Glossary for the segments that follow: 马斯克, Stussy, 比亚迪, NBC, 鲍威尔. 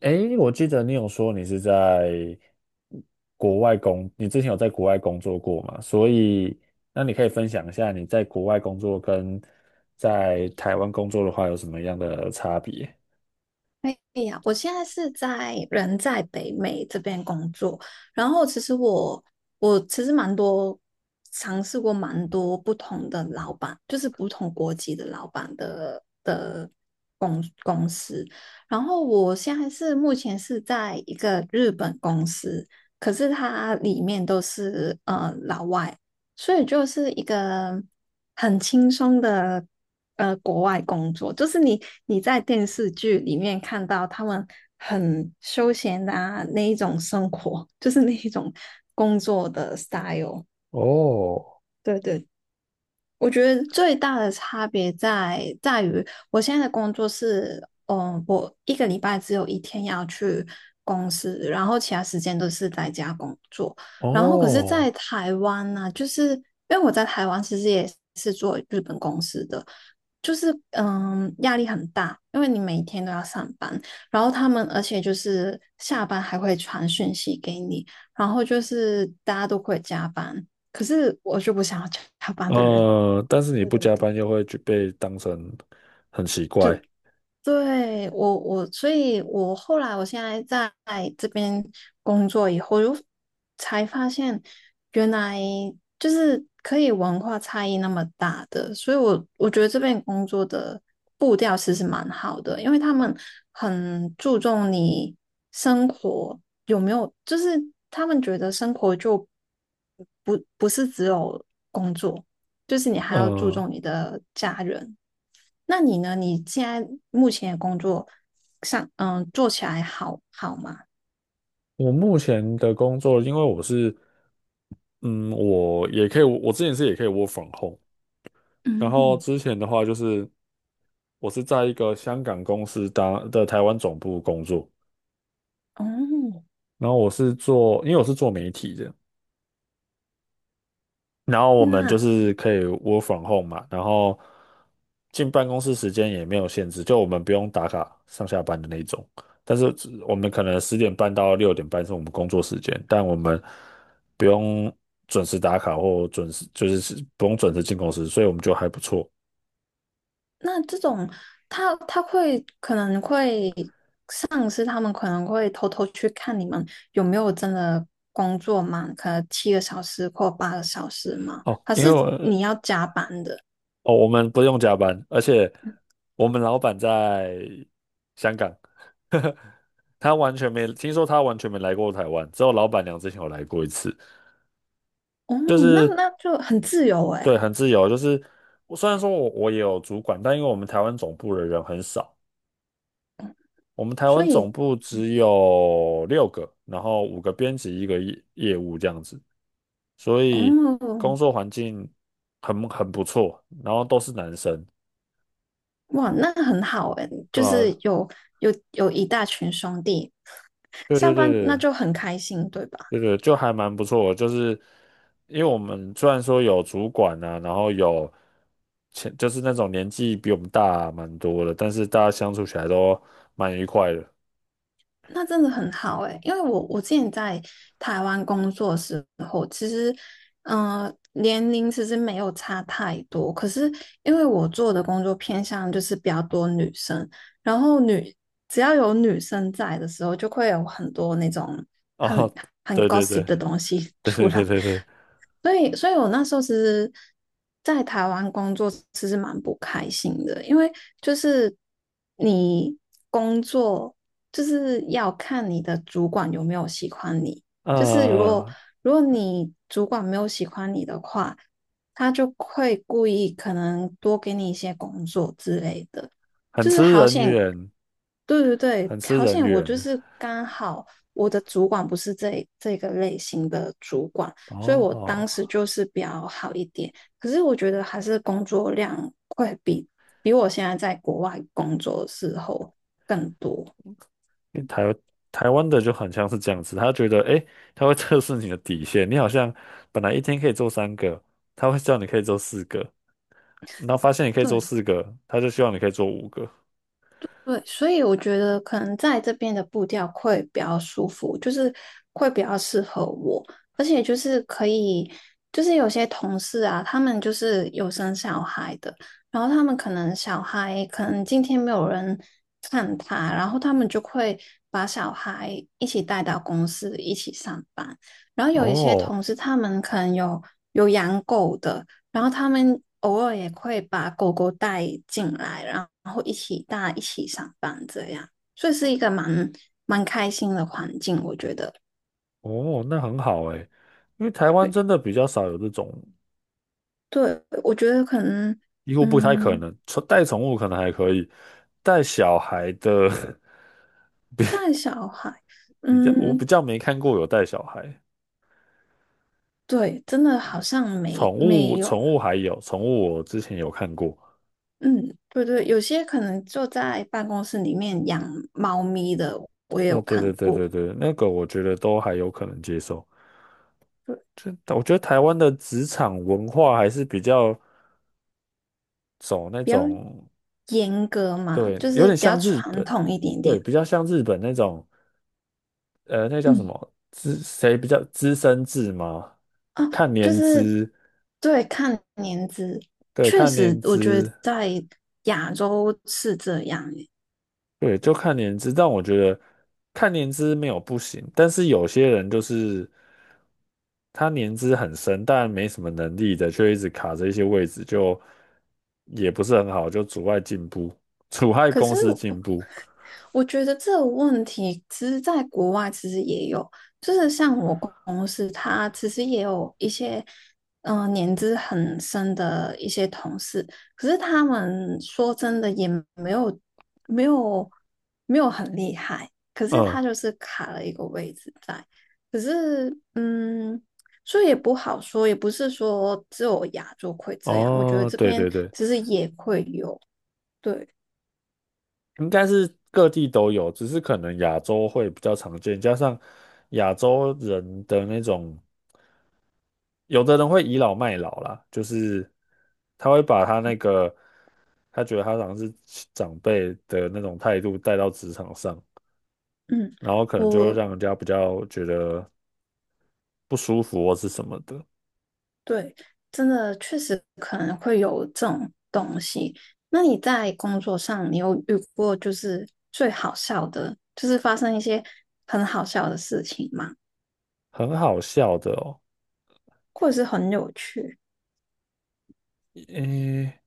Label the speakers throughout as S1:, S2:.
S1: 诶，我记得你有说你是在国外工，你之前有在国外工作过嘛？所以，那你可以分享一下你在国外工作跟在台湾工作的话有什么样的差别？
S2: 哎呀，我现在人在北美这边工作，然后其实我我其实蛮多尝试过蛮多不同的老板，就是不同国籍的老板的公司，然后我现在是目前是在一个日本公司，可是它里面都是老外，所以就是一个很轻松的国外工作，就是你在电视剧里面看到他们很休闲的啊那一种生活，就是那一种工作。
S1: 哦。
S2: 对对，我觉得最大的差别在于，我现在的工作是，我一个礼拜只有一天要去公司，然后其他时间都是在家工作。然后可是，在
S1: 哦。
S2: 台湾呢、就是因为我在台湾其实也是做日本公司的，就是压力很大，因为你每天都要上班，然后他们而且就是下班还会传讯息给你，然后就是大家都会加班，可是我就不想要加班的人。
S1: 但是你
S2: 对
S1: 不
S2: 对
S1: 加
S2: 对。
S1: 班又会觉被当成很奇
S2: 就
S1: 怪。
S2: 对，我，所以我后来我现在在这边工作以后，就才发现原来就是可以文化差异那么大的，所以我觉得这边工作的步调其实蛮好的，因为他们很注重你生活有没有，就是他们觉得生活就不是只有工作，就是你还要注
S1: 呃，
S2: 重你的家人。那你呢？你现在目前的工作上，做起来好吗？
S1: 我目前的工作，因为我是，嗯，我之前是也可以 work from home，然后
S2: 嗯。
S1: 之前的话就是我是在一个香港公司当的台湾总部工作，
S2: 哦，
S1: 然后我是做，因为我是做媒体的，然后我们就
S2: 那
S1: 是可以 work from home 嘛，然后进办公室时间也没有限制，就我们不用打卡上下班的那种。但是只我们可能10点半到6点半是我们工作时间，但我们不用准时打卡或准时，就是不用准时进公司，所以我们就还不错。
S2: 那这种，他他会可能会上司他们可能会偷偷去看你们有没有真的工作满，可能7个小时或8个小时嘛？
S1: 哦。
S2: 还
S1: 因
S2: 是
S1: 为我
S2: 你要加班的？
S1: 哦，我们不用加班，而且我们老板在香港。他完全没听说，他完全没来过台湾，只有老板娘之前有来过一次。
S2: 哦，那
S1: 是。
S2: 那就很自由诶，
S1: 对，很自由，就是我虽然说我也有主管，但因为我们台湾总部的人很少，我们台
S2: 所
S1: 湾总
S2: 以
S1: 部只有6个，然后五个编辑，一个业务这样子，所以工
S2: 哦，
S1: 作环境很不错，然后都是男生，
S2: 哇，那很好诶，
S1: 对
S2: 就是
S1: 吧？
S2: 有一大群兄弟
S1: 对对
S2: 上
S1: 对
S2: 班那
S1: 对。
S2: 就很开心，对吧？
S1: 对对，就还蛮不错的，就是因为我们虽然说有主管啊，然后有就是那种年纪比我们大蛮多的，但是大家相处起来都蛮愉快的。
S2: 那真的很好诶，欸因为我之前在台湾工作的时候，其实，年龄其实没有差太多，可是因为我做的工作偏向就是比较多女生，然后只要有女生在的时候，就会有很多那种 很
S1: 哦。
S2: 很
S1: 对对对
S2: gossip 的东西
S1: 对
S2: 出
S1: 对对
S2: 来，
S1: 对对。
S2: 所以我那时候其实，在台湾工作其实蛮不开心的，因为就是你工作就是要看你的主管有没有喜欢你，就是如果
S1: 呃，
S2: 如果你主管没有喜欢你的话，他就会故意可能多给你一些工作之类的，
S1: 很
S2: 就是
S1: 吃
S2: 好
S1: 人
S2: 险，
S1: 缘。
S2: 对对对，
S1: 很吃
S2: 好
S1: 人
S2: 险我
S1: 缘。
S2: 就是刚好我的主管不是这个类型的主管。所以我当
S1: 哦。
S2: 时就是比较好一点。可是我觉得还是工作量会比我现在在国外工作的时候更多。
S1: 因为台湾的就很像是这样子，他觉得诶，他会测试你的底线，你好像本来一天可以做3个，他会叫你可以做四个，然后发现你可以做
S2: 对，
S1: 四个，他就希望你可以做五个。
S2: 对，所以我觉得可能在这边的步调会比较舒服，就是会比较适合我，而且就是可以，就是有些同事啊，他们就是有生小孩的，然后他们可能小孩可能今天没有人看他，然后他们就会把小孩一起带到公司一起上班，然后有一些
S1: 哦
S2: 同事他们可能有养狗的。然后他们偶尔也会把狗狗带进来，然后一起大家一起上班这样，所以是一个蛮开心的环境，我觉得。
S1: 哦，那很好诶。因为台湾真的比较少有这种，
S2: 对，我觉得可能，
S1: 几乎不太可
S2: 嗯，
S1: 能。带宠物可能还可以，带小孩的
S2: 带小孩，
S1: 我比
S2: 嗯，
S1: 较没看过有带小孩。
S2: 对，真的好像
S1: 宠
S2: 没没
S1: 物宠
S2: 有，
S1: 物还有宠物，我之前有看过。
S2: 嗯，对对，有些可能就在办公室里面养猫咪的，我也
S1: 哦。
S2: 有
S1: 对对
S2: 看
S1: 对
S2: 过，
S1: 对对，那个我觉得都还有可能接受。
S2: 对，
S1: 就我觉得台湾的职场文化还是比较走那
S2: 比较
S1: 种。
S2: 严格嘛，
S1: 对，
S2: 就
S1: 有
S2: 是
S1: 点
S2: 比较
S1: 像日
S2: 传
S1: 本。
S2: 统一点
S1: 对，
S2: 点。
S1: 比较像日本那种。那叫什
S2: 嗯。
S1: 么比较资深制吗？
S2: 啊，
S1: 看
S2: 就
S1: 年
S2: 是
S1: 资。
S2: 对，看年资，
S1: 对，
S2: 确
S1: 看
S2: 实，
S1: 年
S2: 我觉得
S1: 资。
S2: 在亚洲是这样诶。
S1: 对，就看年资。但我觉得看年资没有不行，但是有些人就是他年资很深，但没什么能力的，却一直卡着一些位置，就也不是很好，就阻碍进步，阻碍
S2: 可
S1: 公
S2: 是
S1: 司进步。
S2: 我觉得这个问题其实在国外其实也有，就是像我公司，他其实也有一些年资很深的一些同事，可是他们说真的也没有没有没有很厉害，可是
S1: 嗯。
S2: 他就是卡了一个位置在，可是所以也不好说，也不是说只有亚洲会这样，我觉得
S1: 哦。
S2: 这
S1: 对
S2: 边
S1: 对对。
S2: 其实也会有，对，
S1: 应该是各地都有，只是可能亚洲会比较常见，加上亚洲人的那种，有的人会倚老卖老啦，就是他会把他那个他觉得他好像是长辈的那种态度带到职场上，
S2: 嗯。
S1: 然后可能就会
S2: 我
S1: 让人家比较觉得不舒服或是什么的。
S2: 对，真的确实可能会有这种东西。那你在工作上，你有遇过就是最好笑的，就是发生一些很好笑的事情吗？
S1: 很好笑的哦。
S2: 或者是很有趣？
S1: 诶，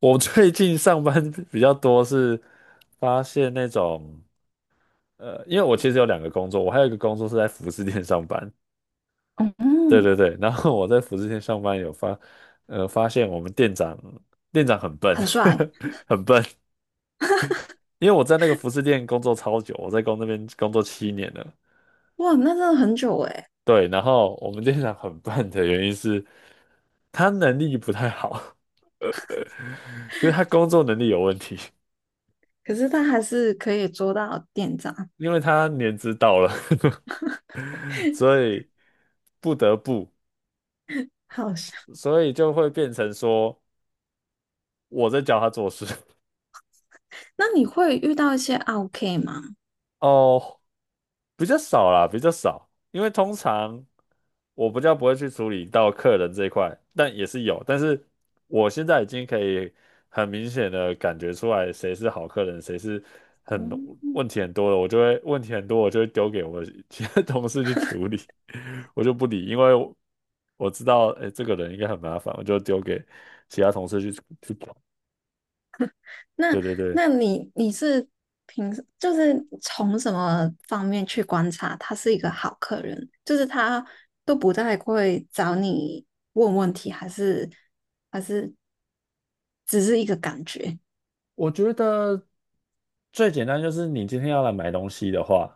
S1: 我最近上班比较多是发现那种。因为我其实有2个工作，我还有一个工作是在服饰店上班。对
S2: 嗯。
S1: 对对，然后我在服饰店上班发现我们店长很笨。
S2: 很帅。
S1: 很笨。因为我在那个服饰店工作超久，我在那边工作7年了。
S2: 哇，那真的很久诶。
S1: 对，然后我们店长很笨的原因是，他能力不太好。呃，所以他工作能力有问题，
S2: 可是他还是可以捉到店长，
S1: 因为他年资到了，所以不得不，
S2: 好笑。
S1: 所以就会变成说我在教他做事。
S2: 那你会遇到一些 OK 吗？
S1: 哦。比较少啦，比较少，因为通常我比较不会去处理到客人这一块，但也是有，但是我现在已经可以很明显的感觉出来谁是好客人，谁是很
S2: 哦，
S1: 问题很多的，我就会问题很多，我就会丢给我其他同事去处理。我就不理，因为我知道，哎，这个人应该很麻烦，我就丢给其他同事去搞。
S2: 那
S1: 对对对，
S2: 那你是凭时就是从什么方面去观察他是一个好客人？就是他都不太会找你问问题，还是只是一个感觉
S1: 我觉得最简单就是你今天要来买东西的话，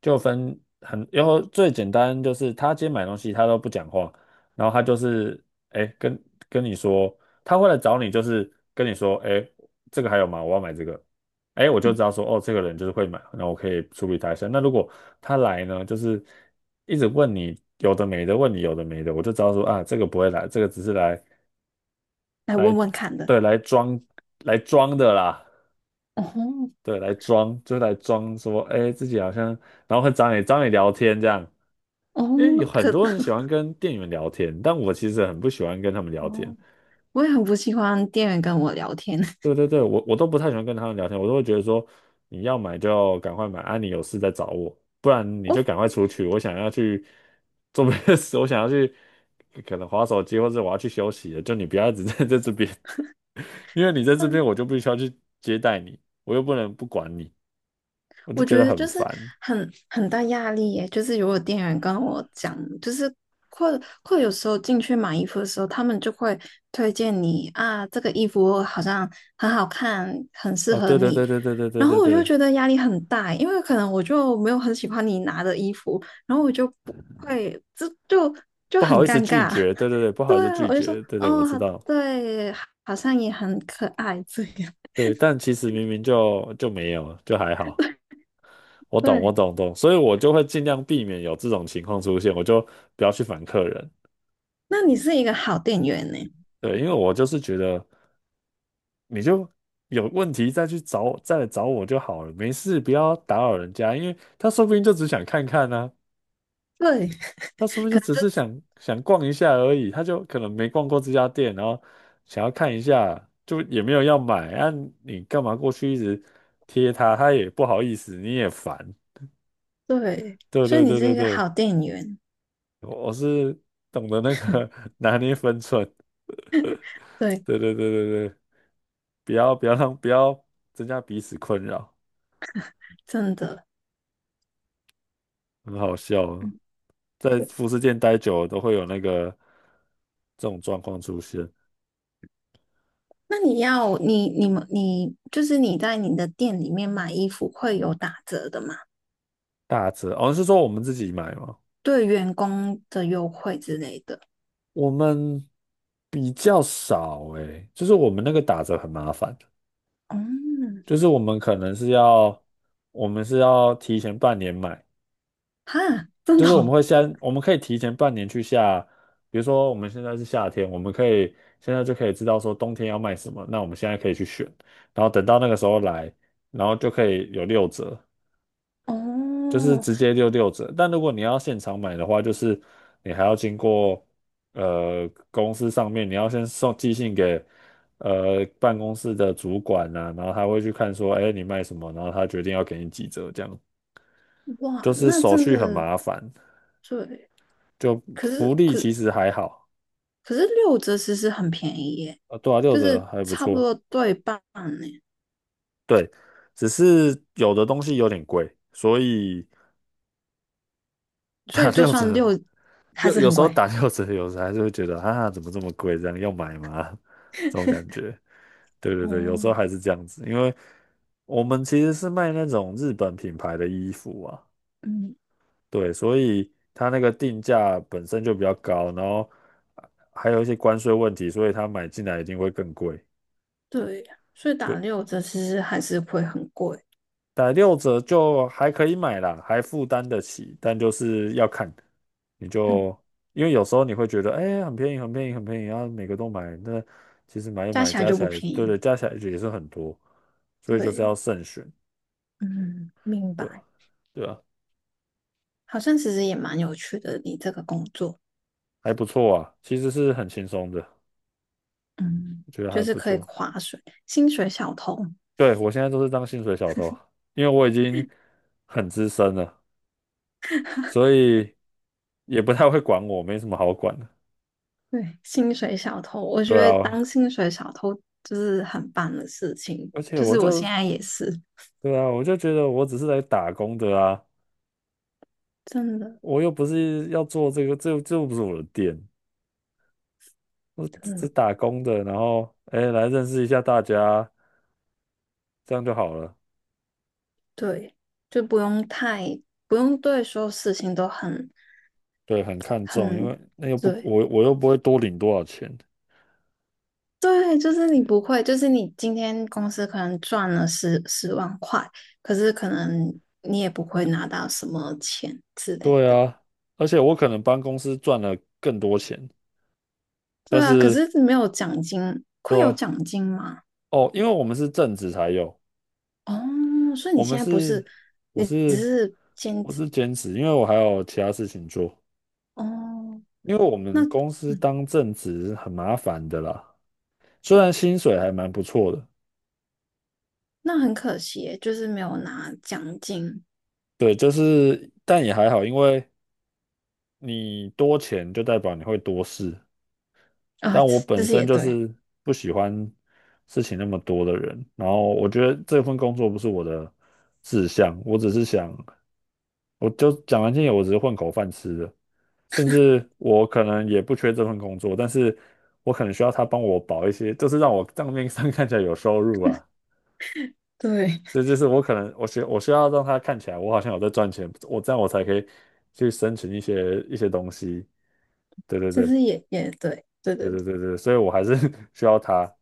S1: 就分很，然后最简单就是他今天买东西他都不讲话，然后他就是哎跟你说，他会来找你就是跟你说哎这个还有吗？我要买这个，哎我就知道说哦这个人就是会买，那我可以处理他一下。那如果他来呢，就是一直问你有的没的，问你有的没的，我就知道说啊这个不会来，这个只是来
S2: 来
S1: 来
S2: 问问看的？
S1: 对，来装的啦。
S2: 哦
S1: 对，来装，就是来装说，哎，自己好像，然后会找你聊天这样，
S2: 哦，
S1: 因为有很
S2: 可
S1: 多人喜 欢跟店员聊天，但我其实很不喜欢跟他们聊天。
S2: 哦，我也很不喜欢店员跟我聊天。
S1: 对对对，我都不太喜欢跟他们聊天，我都会觉得说，你要买就要赶快买，啊，你有事再找我，不 然你就
S2: 我
S1: 赶快出去，我想要去做别的事，我想要去可能划手机，或者我要去休息了，就你不要一直 在这边。因为你在这边我就必须要去接待你，我又不能不管你，我就
S2: 我
S1: 觉
S2: 觉
S1: 得
S2: 得
S1: 很
S2: 就是
S1: 烦。
S2: 很大压力耶，就是如果店员跟我讲，就是会会有时候进去买衣服的时候，他们就会推荐你啊，这个衣服好像很好看，很适
S1: 啊，
S2: 合
S1: 对对
S2: 你，
S1: 对对对对对
S2: 然后
S1: 对
S2: 我就
S1: 对。
S2: 觉得压力很大，因为可能我就没有很喜欢你拿的衣服，然后我就不会，这就
S1: 不好
S2: 很
S1: 意思
S2: 尴
S1: 拒
S2: 尬。
S1: 绝，对对对。不好意
S2: 对
S1: 思
S2: 啊，
S1: 拒
S2: 我就说
S1: 绝，对对，我
S2: 哦，
S1: 知
S2: 好
S1: 道。
S2: 对，好像也很可爱这样。
S1: 对，但其实明明就没有，就还好。我 懂我
S2: 对，
S1: 懂懂，所以我就会尽量避免有这种情况出现，我就不要去烦客人。
S2: 那你是一个好店员呢。
S1: 对，因为我就是觉得你就有问题再来找我就好了，没事，不要打扰人家，因为他说不定就只想看看呢、
S2: 对。
S1: 那说明就只是想想逛一下而已，他就可能没逛过这家店，然后想要看一下，就也没有要买啊，你干嘛过去一直贴他，他也不好意思，你也烦。
S2: 对，
S1: 对
S2: 所以
S1: 对
S2: 你
S1: 对
S2: 是
S1: 对
S2: 一个
S1: 对，
S2: 好店员，
S1: 我是懂得那个 拿捏分寸。
S2: 对，
S1: 对对对对对，不要增加彼此困扰。
S2: 真的。
S1: 很好笑啊，
S2: 嗯，
S1: 在
S2: 对，
S1: 服饰店待久了都会有那个这种状况出现。
S2: 那你就是你在你的店里面买衣服会有打折的吗？
S1: 打折哦，是说我们自己买吗？
S2: 对员工的优惠之类的。
S1: 我们比较少诶，就是我们那个打折很麻烦，
S2: 嗯，
S1: 就是我们是要提前半年买，
S2: 哈，真
S1: 就
S2: 的
S1: 是
S2: 哦，
S1: 我们可以提前半年去下，比如说我们现在是夏天，我们可以现在就可以知道说冬天要卖什么，那我们现在可以去选，然后等到那个时候来，然后就可以有六折，就是
S2: 哦
S1: 直接六折。但如果你要现场买的话，就是你还要经过公司上面，你要先寄信给办公室的主管呐、然后他会去看说，哎，你卖什么，然后他决定要给你几折，这样就
S2: 哇，
S1: 是
S2: 那
S1: 手
S2: 真
S1: 续很
S2: 的
S1: 麻烦。
S2: 对。
S1: 就
S2: 可
S1: 福
S2: 是
S1: 利
S2: 可
S1: 其实还好。
S2: 可是六折其实很便宜耶，
S1: 对啊，六
S2: 就
S1: 折
S2: 是
S1: 还不
S2: 差不
S1: 错。
S2: 多对半呢，
S1: 对，只是有的东西有点贵，所以
S2: 所
S1: 打
S2: 以就
S1: 六
S2: 算
S1: 折
S2: 还
S1: 有
S2: 是
S1: 有
S2: 很
S1: 时候
S2: 贵。
S1: 打六折，有时候还是会觉得啊，怎么这么贵？这样要买吗？这种感觉。对，有时
S2: 哦，
S1: 候还是这样子，因为我们其实是卖那种日本品牌的衣服啊。
S2: 嗯
S1: 对，所以它那个定价本身就比较高，然后还有一些关税问题，所以它买进来一定会更贵。
S2: 对，所以打
S1: 对，
S2: 六折其实还是会很贵，
S1: 打六折就还可以买啦，还负担得起，但就是要看，你
S2: 嗯，
S1: 就因为有时候你会觉得，哎、很便宜，很便宜，很便宜，然后每个都买，那其实买一
S2: 加
S1: 买
S2: 起来
S1: 加
S2: 就
S1: 起
S2: 不
S1: 来，
S2: 便
S1: 对
S2: 宜。
S1: 对，加起来也是很多，所以就是要
S2: 对，
S1: 慎选。
S2: 嗯，明
S1: 对啊，
S2: 白。
S1: 对啊，
S2: 好像其实也蛮有趣的，你这个工作，
S1: 还不错啊，其实是很轻松的，
S2: 嗯，
S1: 我觉得还
S2: 就是
S1: 不
S2: 可以
S1: 错。
S2: 划水，薪水小偷。
S1: 对，我现在都是当薪水小偷，因为我已经很资深了，所以也不太会管我，没什么好管的。
S2: 对，薪水小偷，我觉
S1: 对
S2: 得
S1: 啊，
S2: 当薪水小偷就是很棒的事情，
S1: 而且
S2: 就
S1: 我
S2: 是我
S1: 就
S2: 现在也是，
S1: 对啊，我就觉得我只是来打工的啊，
S2: 真的，
S1: 我又不是要做这个，这又不是我的店，我只
S2: 真
S1: 是
S2: 的，
S1: 打工的，然后哎来认识一下大家，这样就好了。
S2: 对，就不用太，不用对所有事情都很，
S1: 对，很看重，因为
S2: 很，
S1: 那又不
S2: 对，
S1: 我又不会多领多少钱。
S2: 对，就是你不会，就是你今天公司可能赚了十万块，可是可能你也不会拿到什么钱之类
S1: 对
S2: 的。
S1: 啊，而且我可能帮公司赚了更多钱，但
S2: 对啊，可
S1: 是
S2: 是没有奖金，
S1: 对
S2: 会有
S1: 啊。
S2: 奖金吗？
S1: 哦，因为我们是正职才有，
S2: 哦，所以你
S1: 我们
S2: 现在不
S1: 是
S2: 是，
S1: 我
S2: 你只
S1: 是
S2: 是兼
S1: 我
S2: 职
S1: 是兼职，因为我还有其他事情做。
S2: 哦。
S1: 因为我
S2: 那
S1: 们公司
S2: 嗯，
S1: 当正职很麻烦的啦，虽
S2: 哦，
S1: 然薪水还蛮不错的。
S2: 那很可惜耶就是没有拿奖金
S1: 对，就是但也还好，因为你多钱就代表你会多事，
S2: 啊。
S1: 但
S2: 这
S1: 我
S2: 这
S1: 本
S2: 是也
S1: 身就
S2: 对，
S1: 是不喜欢事情那么多的人，然后我觉得这份工作不是我的志向。我只是想，我就讲完听点，我只是混口饭吃的，甚至我可能也不缺这份工作，但是我可能需要他帮我保一些，就是让我账面上 看起来有收入啊。
S2: 对，
S1: 这就是我可能我需要让他看起来我好像有在赚钱，我这样我才可以去申请一些东西。对对
S2: 这
S1: 对
S2: 是也对，对
S1: 对
S2: 对
S1: 对对对，所以我还是 需要他，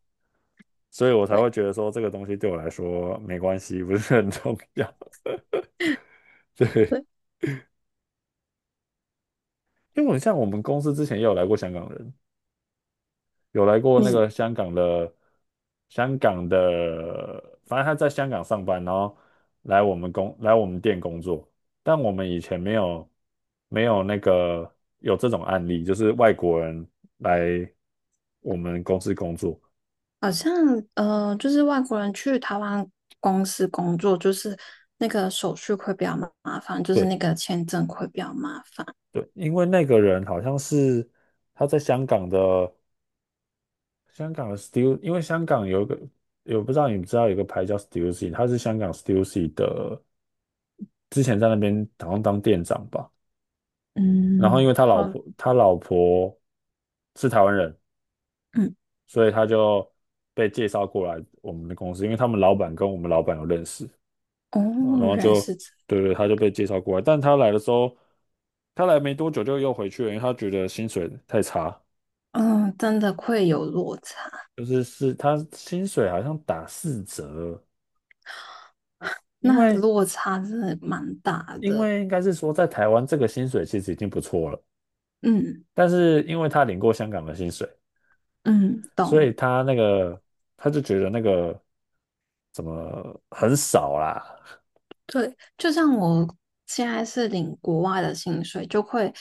S1: 所以我才会觉
S2: 对
S1: 得说这个东西对我来说没关系，不是很重要。对，
S2: 对。
S1: 因为我像我们公司之前也有来过香港人，有来过那
S2: 你。
S1: 个香港的，香港的，反正他在香港上班，然后来我们店工作，但我们以前没有没有那个有这种案例，就是外国人来我们公司工作。
S2: 好像就是外国人去台湾公司工作，就是那个手续会比较麻烦，就是
S1: 对
S2: 那个签证会比较麻烦。
S1: 对，因为那个人好像是他在香港的香港的 Stu，因为香港有一个，我不知道你知道有个牌叫 Stussy，他是香港 Stussy 的，之前在那边好像当店长吧。然后
S2: 嗯，
S1: 因为他老
S2: 好，
S1: 婆他老婆是台湾人，
S2: 嗯，
S1: 所以他就被介绍过来我们的公司，因为他们老板跟我们老板有认识，
S2: 哦，
S1: 然后
S2: 原来
S1: 就
S2: 是这，
S1: 对对，他就被介绍过来。但他来的时候，他来没多久就又回去了，因为他觉得薪水太差，
S2: 嗯，真的会有落差，
S1: 就是他薪水好像打四折，因
S2: 那
S1: 为
S2: 落差真的蛮大
S1: 因
S2: 的。
S1: 为应该是说在台湾这个薪水其实已经不错了，
S2: 嗯
S1: 但是因为他领过香港的薪水，
S2: 嗯，
S1: 所
S2: 懂。
S1: 以他那个他就觉得那个很少啦。
S2: 对，就像我现在是领国外的薪水，就会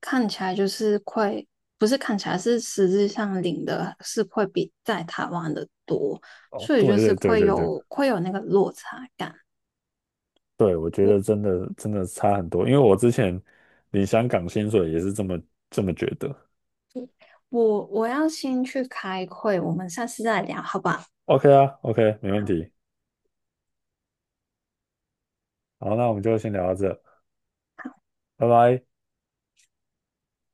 S2: 看起来就是会，不是看起来是实质上领的是会比在台湾的多，
S1: 哦，
S2: 所以就
S1: 对
S2: 是
S1: 对对
S2: 会
S1: 对对
S2: 有会有那个落差感。
S1: 对，我觉得
S2: 我
S1: 真的差很多，因为我之前领香港薪水也是这么觉得。
S2: 我要先去开会，我们下次再聊，好吧？
S1: OK 啊，OK，没问题。好，那我们就先聊到这，拜拜。